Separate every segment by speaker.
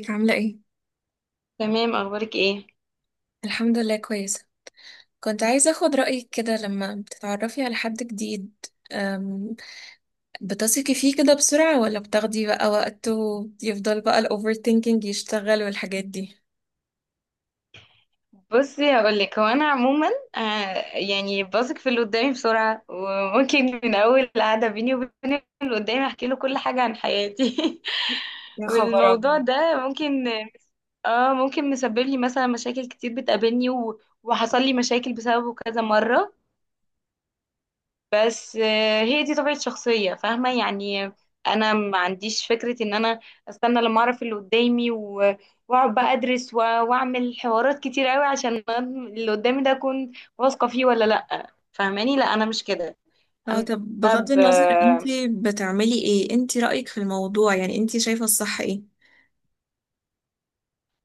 Speaker 1: ازيك عاملة ايه؟
Speaker 2: تمام، اخبارك ايه؟
Speaker 1: الحمد لله كويسة. كنت عايزة اخد رأيك كده لما بتتعرفي على حد جديد، أم، بتثقي فيه كده بسرعة ولا بتاخدي بقى وقت ويفضل بقى الاوفر ثينكينج يشتغل والحاجات دي؟
Speaker 2: بصي هقول لك، هو انا عموما يعني بثق في اللي قدامي بسرعه، وممكن من اول قعده بيني وبين اللي قدامي احكي له كل حاجه عن حياتي.
Speaker 1: يا خبر
Speaker 2: والموضوع
Speaker 1: أبيض!
Speaker 2: ده ممكن، اه ممكن مسبب لي مثلا مشاكل كتير بتقابلني وحصل لي مشاكل بسببه كذا مره. بس هي دي طبيعة شخصية، فاهمة يعني. انا ما عنديش فكرة ان انا استنى لما اعرف اللي قدامي واقعد بقى ادرس واعمل حوارات كتير قوي عشان اللي قدامي ده اكون واثقة فيه ولا لا، فاهماني؟ لا انا مش كده.
Speaker 1: اه
Speaker 2: انا
Speaker 1: طب بغض
Speaker 2: ب...
Speaker 1: النظر انتي بتعملي ايه؟ انتي رأيك في الموضوع، يعني انتي شايفة الصح ايه؟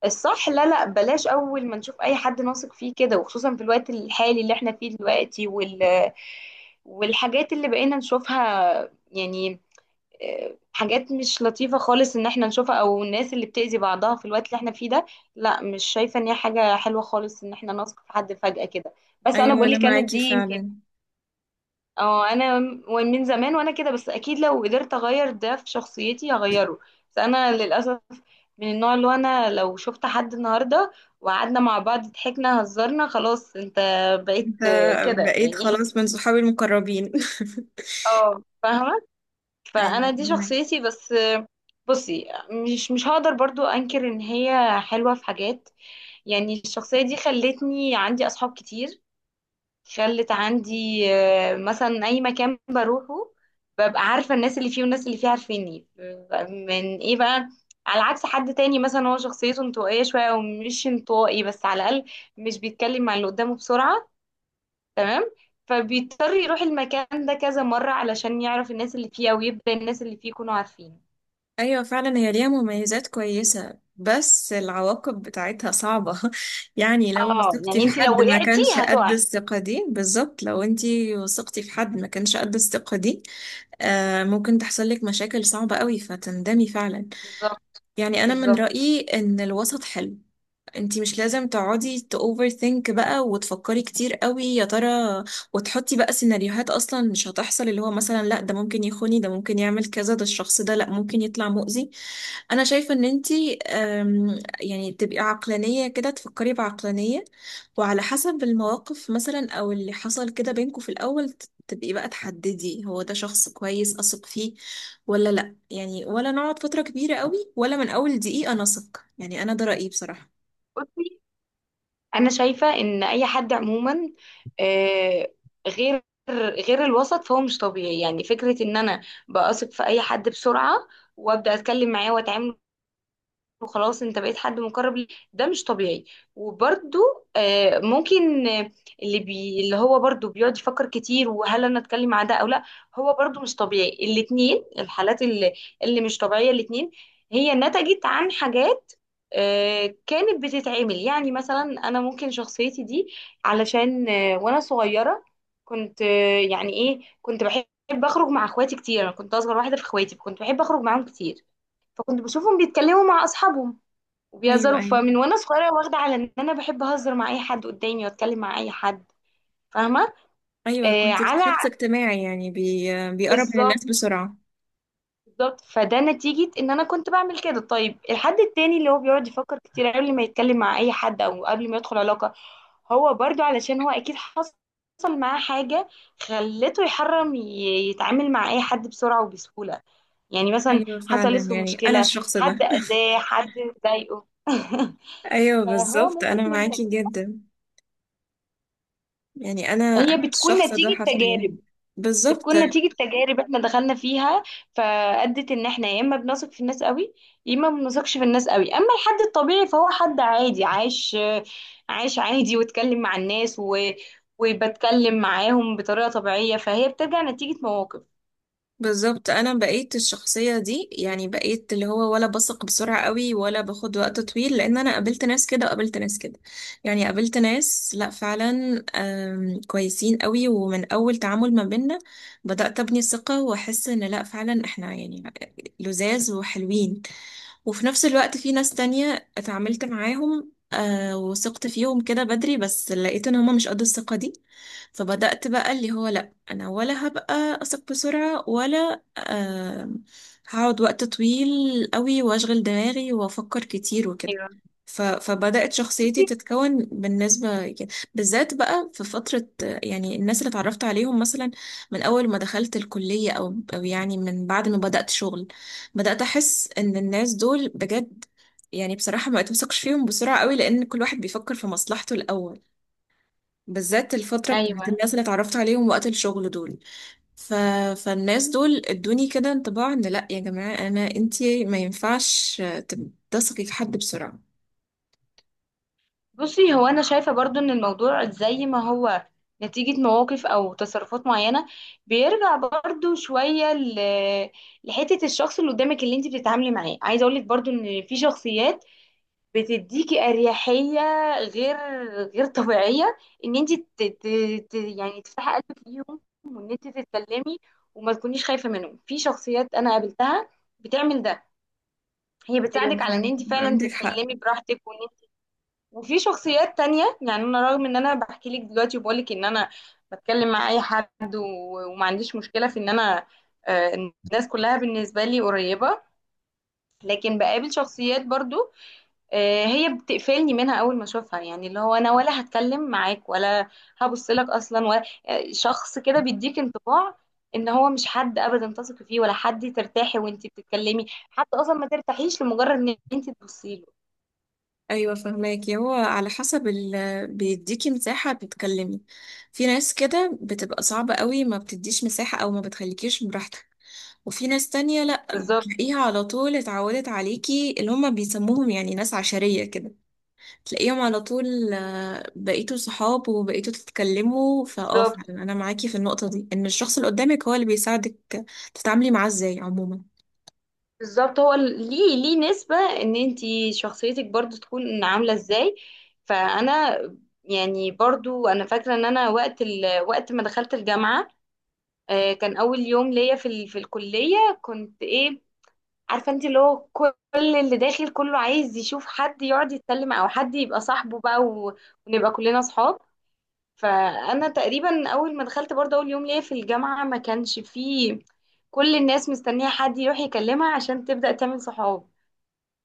Speaker 2: الصح، لا لا، بلاش اول ما نشوف اي حد نثق فيه كده، وخصوصا في الوقت الحالي اللي احنا فيه دلوقتي والحاجات اللي بقينا نشوفها، يعني حاجات مش لطيفة خالص ان احنا نشوفها، او الناس اللي بتأذي بعضها في الوقت اللي احنا فيه ده. لا، مش شايفة ان هي حاجة حلوة خالص ان احنا نثق في حد فجأة كده. بس انا
Speaker 1: ايوه
Speaker 2: بقول
Speaker 1: انا
Speaker 2: لك، انا دي
Speaker 1: معاكي
Speaker 2: يمكن.
Speaker 1: فعلا.
Speaker 2: اه انا من زمان وانا كده، بس اكيد لو قدرت اغير ده في شخصيتي هغيره. بس انا للأسف من النوع اللي هو انا لو شفت حد النهاردة وقعدنا مع بعض، ضحكنا، هزرنا، خلاص انت بقيت
Speaker 1: انت
Speaker 2: كده
Speaker 1: بقيت
Speaker 2: يعني.
Speaker 1: خلاص من صحابي المقربين.
Speaker 2: اه فاهمة. فانا
Speaker 1: ايوه.
Speaker 2: دي شخصيتي. بس بصي، مش هقدر برضو انكر ان هي حلوة في حاجات. يعني الشخصية دي خلتني عندي اصحاب كتير، خلت عندي مثلا اي مكان بروحه ببقى عارفة الناس اللي فيه والناس اللي فيه عارفيني، من ايه بقى؟ على عكس حد تاني مثلا هو شخصيته انطوائية شوية، ومش انطوائي بس، على الأقل مش بيتكلم مع اللي قدامه بسرعة، تمام؟ فبيضطر يروح المكان ده كذا مرة علشان يعرف الناس اللي فيه، أو يبدأ الناس اللي فيه يكونوا عارفينه.
Speaker 1: ايوه فعلا، هي ليها مميزات كويسة بس العواقب بتاعتها صعبة. يعني لو
Speaker 2: اه
Speaker 1: وثقتي
Speaker 2: يعني
Speaker 1: في
Speaker 2: انت لو
Speaker 1: حد ما
Speaker 2: وقعتي
Speaker 1: كانش قد
Speaker 2: هتقعي.
Speaker 1: الثقة دي، بالظبط لو انتي وثقتي في حد ما كانش قد الثقة دي آه ممكن تحصل لك مشاكل صعبة قوي فتندمي فعلا.
Speaker 2: بالظبط.
Speaker 1: يعني انا من
Speaker 2: بالظبط.
Speaker 1: رأيي ان الوسط حلو. انتي مش لازم تقعدي تأوفر ثينك بقى وتفكري كتير قوي يا ترى وتحطي بقى سيناريوهات اصلا مش هتحصل، اللي هو مثلا لا ده ممكن يخوني ده ممكن يعمل كذا ده الشخص ده لا ممكن يطلع مؤذي. انا شايفة ان انتي، يعني تبقي عقلانية كده، تفكري بعقلانية وعلى حسب المواقف، مثلا او اللي حصل كده بينكوا في الاول، تبقي بقى تحددي هو ده شخص كويس اثق فيه ولا لا، يعني ولا نقعد فترة كبيرة قوي ولا من اول دقيقة نثق. يعني انا ده رأيي بصراحة.
Speaker 2: بصي انا شايفه ان اي حد عموما، آه، غير غير الوسط، فهو مش طبيعي. يعني فكره ان انا بثق في اي حد بسرعه وابدا اتكلم معاه واتعامل، وخلاص انت بقيت حد مقرب لي، ده مش طبيعي. وبرده ممكن، اللي هو برده بيقعد يفكر كتير، وهل انا اتكلم مع ده او لا، هو برده مش طبيعي. الاتنين الحالات اللي مش طبيعية الاتنين هي نتجت عن حاجات كانت بتتعمل. يعني مثلا انا ممكن شخصيتي دي علشان وانا صغيرة كنت يعني ايه، كنت بحب اخرج مع اخواتي كتير، انا كنت اصغر واحدة في اخواتي، كنت بحب اخرج معاهم كتير، فكنت بشوفهم بيتكلموا مع اصحابهم
Speaker 1: ايوه.
Speaker 2: وبيهزروا.
Speaker 1: ايوه.
Speaker 2: فمن وانا صغيره واخده على ان انا بحب اهزر مع اي حد قدامي واتكلم مع اي حد، فاهمه؟
Speaker 1: ايوه
Speaker 2: آه
Speaker 1: كنت
Speaker 2: على
Speaker 1: شخص اجتماعي، يعني بيقرب من الناس
Speaker 2: بالظبط.
Speaker 1: بسرعة.
Speaker 2: بالظبط فده نتيجه ان انا كنت بعمل كده. طيب الحد التاني اللي هو بيقعد يفكر كتير قبل ما يتكلم مع اي حد او قبل ما يدخل علاقه، هو برضو علشان هو اكيد حصل معاه حاجه خلته يحرم يتعامل مع اي حد بسرعه وبسهوله. يعني مثلا
Speaker 1: ايوه فعلا
Speaker 2: حصلت له
Speaker 1: يعني انا
Speaker 2: مشكله،
Speaker 1: الشخص ده.
Speaker 2: حد اذاه، حد ضايقه.
Speaker 1: ايوه
Speaker 2: فهو
Speaker 1: بالظبط
Speaker 2: ممكن
Speaker 1: انا
Speaker 2: من،
Speaker 1: معاكي جدا. يعني انا
Speaker 2: هي بتكون
Speaker 1: الشخص
Speaker 2: نتيجة
Speaker 1: ده حرفيا.
Speaker 2: تجارب،
Speaker 1: بالظبط.
Speaker 2: بتكون نتيجة تجارب احنا دخلنا فيها، فأدت ان احنا يا اما بنثق في الناس قوي يا اما ما بنثقش في الناس قوي. اما الحد الطبيعي فهو حد عادي عايش، عايش عادي واتكلم مع الناس وبتكلم معاهم بطريقة طبيعية، فهي بترجع نتيجة مواقف.
Speaker 1: بالظبط، انا بقيت الشخصيه دي، يعني بقيت اللي هو ولا بثق بسرعه قوي ولا باخد وقت طويل، لان انا قابلت ناس كده وقابلت ناس كده. يعني قابلت ناس لا فعلا كويسين قوي، ومن اول تعامل ما بينا بدات ابني ثقه واحس ان لا فعلا احنا يعني لذاذ وحلوين. وفي نفس الوقت في ناس تانية اتعاملت معاهم آه وثقت فيهم كده بدري بس لقيت ان هما مش قد الثقة دي. فبدأت بقى اللي هو لأ، أنا ولا هبقى أثق بسرعة ولا هقعد وقت طويل قوي وأشغل دماغي وأفكر كتير وكده.
Speaker 2: ايوه.
Speaker 1: فبدأت شخصيتي
Speaker 2: بصي،
Speaker 1: تتكون بالنسبة كده، بالذات بقى في فترة، يعني الناس اللي اتعرفت عليهم مثلا من أول ما دخلت الكلية أو يعني من بعد ما بدأت شغل. بدأت أحس إن الناس دول بجد، يعني بصراحة، ما بتوثقش فيهم بسرعة قوي لأن كل واحد بيفكر في مصلحته الأول. بالذات الفترة بتاعت
Speaker 2: ايوه.
Speaker 1: الناس اللي اتعرفت عليهم وقت الشغل دول. ف... فالناس دول ادوني كده انطباع إن لأ يا جماعة، أنا أنتي ما ينفعش تثقي في حد بسرعة.
Speaker 2: بصي، هو انا شايفه برضو ان الموضوع زي ما هو نتيجه مواقف او تصرفات معينه، بيرجع برضو شويه لحته الشخص اللي قدامك اللي انت بتتعاملي معاه. عايزه اقولك برضو ان في شخصيات بتديكي اريحيه، غير غير طبيعيه، ان انت يعني تفتحي قلبك ليهم، وان انت تتكلمي وما تكونيش خايفه منهم. في شخصيات انا قابلتها بتعمل ده، هي
Speaker 1: ايوه
Speaker 2: بتساعدك على ان
Speaker 1: فعلا،
Speaker 2: انت فعلا
Speaker 1: عندك حق.
Speaker 2: تتكلمي براحتك. وفي شخصيات تانية، يعني انا رغم ان انا بحكي لك دلوقتي وبقول لك ان انا بتكلم مع اي حد وما عنديش مشكلة في ان انا، الناس كلها بالنسبة لي قريبة، لكن بقابل شخصيات برضو هي بتقفلني منها اول ما اشوفها. يعني اللي هو انا ولا هتكلم معاك ولا هبص لك اصلا، ولا، شخص كده بيديك انطباع ان هو مش حد ابدا تثقي فيه، ولا حد ترتاحي وانتي بتتكلمي، حتى اصلا ما ترتاحيش لمجرد ان انتي تبصي له.
Speaker 1: ايوه فهماكي، هو على حسب ال بيديكي مساحه تتكلمي. في ناس كده بتبقى صعبه قوي، ما بتديش مساحه او ما بتخليكيش براحتك. وفي ناس تانية لا،
Speaker 2: بالظبط.
Speaker 1: بتلاقيها على طول اتعودت عليكي، اللي هم بيسموهم يعني ناس عشريه كده، تلاقيهم على طول بقيتوا صحاب وبقيتوا تتكلموا. فاه
Speaker 2: بالظبط.
Speaker 1: فعلا انا معاكي في النقطه دي، ان الشخص اللي قدامك هو اللي بيساعدك تتعاملي معاه ازاي عموما.
Speaker 2: بالظبط. ليه ليه نسبة ان انتي شخصيتك برضو تكون عاملة ازاي. فانا، يعني برضو انا فاكرة ان انا وقت وقت ما دخلت الجامعة، كان اول يوم ليا في في الكلية كنت ايه، عارفة انت اللي هو كل اللي داخل كله عايز يشوف حد يقعد يتكلم او حد يبقى صاحبه بقى ونبقى كلنا صحاب. فانا تقريبا اول ما دخلت برضو اول يوم ليا في الجامعة ما كانش فيه كل الناس مستنية حد يروح يكلمها عشان تبدأ تعمل صحاب.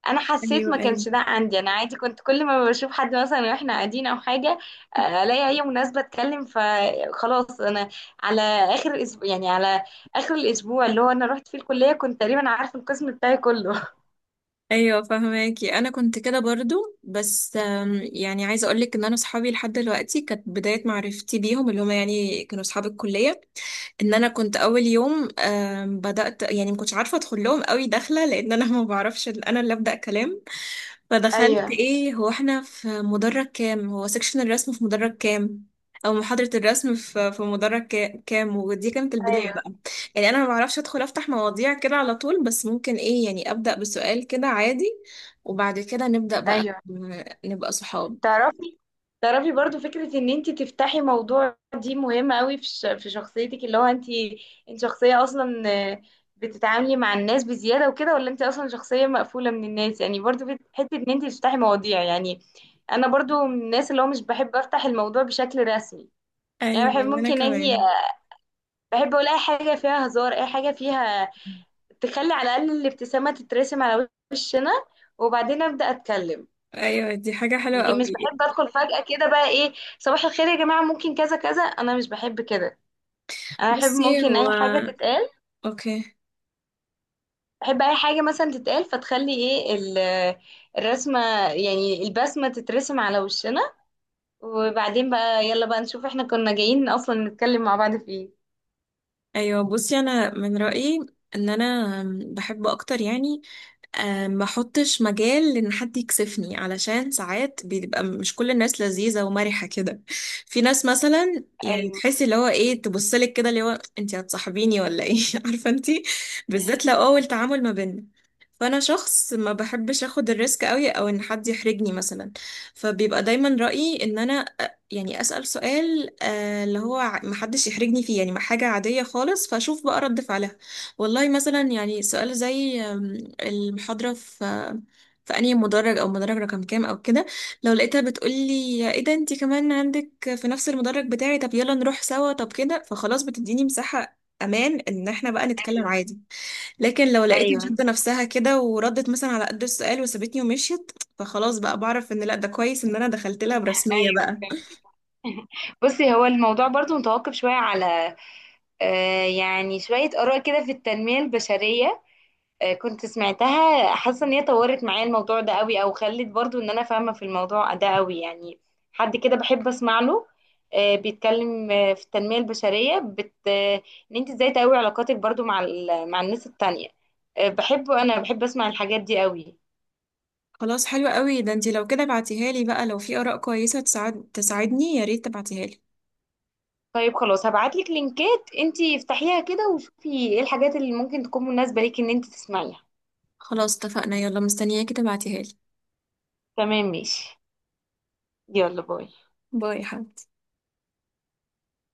Speaker 2: انا حسيت
Speaker 1: ايوه.
Speaker 2: ما
Speaker 1: ايوه.
Speaker 2: كانش ده عندي، انا عادي كنت كل ما بشوف حد مثلا واحنا قاعدين او حاجه، الاقي اي مناسبه اتكلم، فخلاص انا على اخر الاسبوع، يعني على اخر الاسبوع اللي هو انا رحت فيه الكليه كنت تقريبا عارفه القسم بتاعي كله.
Speaker 1: ايوه فهماكي، انا كنت كده برضو بس يعني عايزه اقولك ان انا صحابي لحد دلوقتي كانت بدايه معرفتي بيهم اللي هم يعني كانوا صحاب الكليه. ان انا كنت اول يوم بدات يعني ما كنتش عارفه ادخل لهم قوي داخله، لان انا ما بعرفش انا اللي ابدا كلام. فدخلت
Speaker 2: ايوه.
Speaker 1: ايه هو احنا في مدرج كام، هو سكشن الرسم في مدرج كام او محاضرة الرسم في مدرج كام. ودي كانت البداية
Speaker 2: ايوه.
Speaker 1: بقى. يعني انا ما بعرفش ادخل افتح مواضيع كده على طول، بس ممكن ايه يعني ابدأ بسؤال كده عادي وبعد كده نبدأ بقى
Speaker 2: ايوه.
Speaker 1: نبقى صحاب.
Speaker 2: تعرفي، تعرفي برضو فكرة ان انت تفتحي موضوع دي مهمة قوي في في شخصيتك، اللي هو انت انت شخصية اصلا آه، بتتعاملي مع الناس بزيادة وكده، ولا انت اصلا شخصية مقفولة من الناس؟ يعني برضو في حتة ان انت تفتحي مواضيع يعني. انا برضو من الناس اللي هو مش بحب افتح الموضوع بشكل رسمي، يعني
Speaker 1: ايوه
Speaker 2: بحب
Speaker 1: وانا
Speaker 2: ممكن اجي،
Speaker 1: كمان.
Speaker 2: بحب اقول اي حاجة فيها هزار، اي حاجة فيها تخلي على الاقل الابتسامة تترسم على وشنا، وبعدين ابدا اتكلم.
Speaker 1: ايوه دي حاجة حلوة
Speaker 2: لكن مش
Speaker 1: قوي.
Speaker 2: بحب ادخل فجأة كده بقى ايه، صباح الخير يا جماعة ممكن كذا كذا، انا مش بحب كده. انا احب
Speaker 1: بصي
Speaker 2: ممكن اي
Speaker 1: هو.
Speaker 2: حاجة تتقال،
Speaker 1: اوكي.
Speaker 2: احب اي حاجة مثلا تتقال فتخلي ايه الرسمة، يعني البسمة تترسم على وشنا، وبعدين بقى يلا بقى نشوف احنا كنا جايين اصلا نتكلم مع بعض في ايه.
Speaker 1: ايوه بصي انا من رايي ان انا بحب اكتر، يعني ما احطش مجال ان حد يكسفني، علشان ساعات بيبقى مش كل الناس لذيذه ومرحه كده. في ناس مثلا يعني
Speaker 2: ايوه.
Speaker 1: تحسي اللي هو ايه، تبصلك كده اللي هو انت هتصاحبيني ولا ايه؟ عارفه انت، بالذات لو اول تعامل ما بيننا. فانا شخص ما بحبش اخد الريسك قوي او ان حد يحرجني مثلا، فبيبقى دايما رايي ان انا يعني أسأل سؤال اللي هو محدش يحرجني فيه، يعني حاجة عادية خالص، فأشوف بقى رد فعلها. والله مثلا يعني سؤال زي المحاضرة في في أنهي مدرج، أو مدرج رقم كام أو كده. لو لقيتها بتقولي إيه ده أنتي كمان عندك في نفس المدرج بتاعي، طب يلا نروح سوا، طب كده فخلاص بتديني مساحة أمان إن إحنا بقى نتكلم
Speaker 2: ايوه.
Speaker 1: عادي. لكن لو لقيتها
Speaker 2: ايوه.
Speaker 1: شادة نفسها كده وردت مثلا على قد السؤال وسابتني ومشيت، فخلاص بقى بعرف إن لأ، ده كويس إن أنا دخلت لها برسمية
Speaker 2: ايوه
Speaker 1: بقى.
Speaker 2: فهمت. بصي هو الموضوع برضو متوقف شوية على، آه يعني شوية آراء كده في التنمية البشرية كنت سمعتها، حاسه ان هي طورت معايا الموضوع ده قوي، او خلت برضو ان انا فاهمه في الموضوع ده قوي. يعني حد كده بحب اسمع له بيتكلم في التنميه البشريه، بت... آه، ان انت ازاي تقوي علاقاتك برضو مع مع الناس التانية، بحبه. انا بحب اسمع الحاجات دي قوي.
Speaker 1: خلاص حلو قوي ده، انتي لو كده بعتيها لي بقى، لو في آراء كويسة تساعد تساعدني، يا ريت تبعتيها لي.
Speaker 2: طيب خلاص هبعتلك لينكات انت افتحيها كده وشوفي ايه الحاجات اللي ممكن تكون مناسبه ليكي ان انت تسمعيها.
Speaker 1: خلاص اتفقنا، يلا مستنياكي تبعتيها لي.
Speaker 2: تمام ماشي. يلا باي.
Speaker 1: باي يا حبيبتي.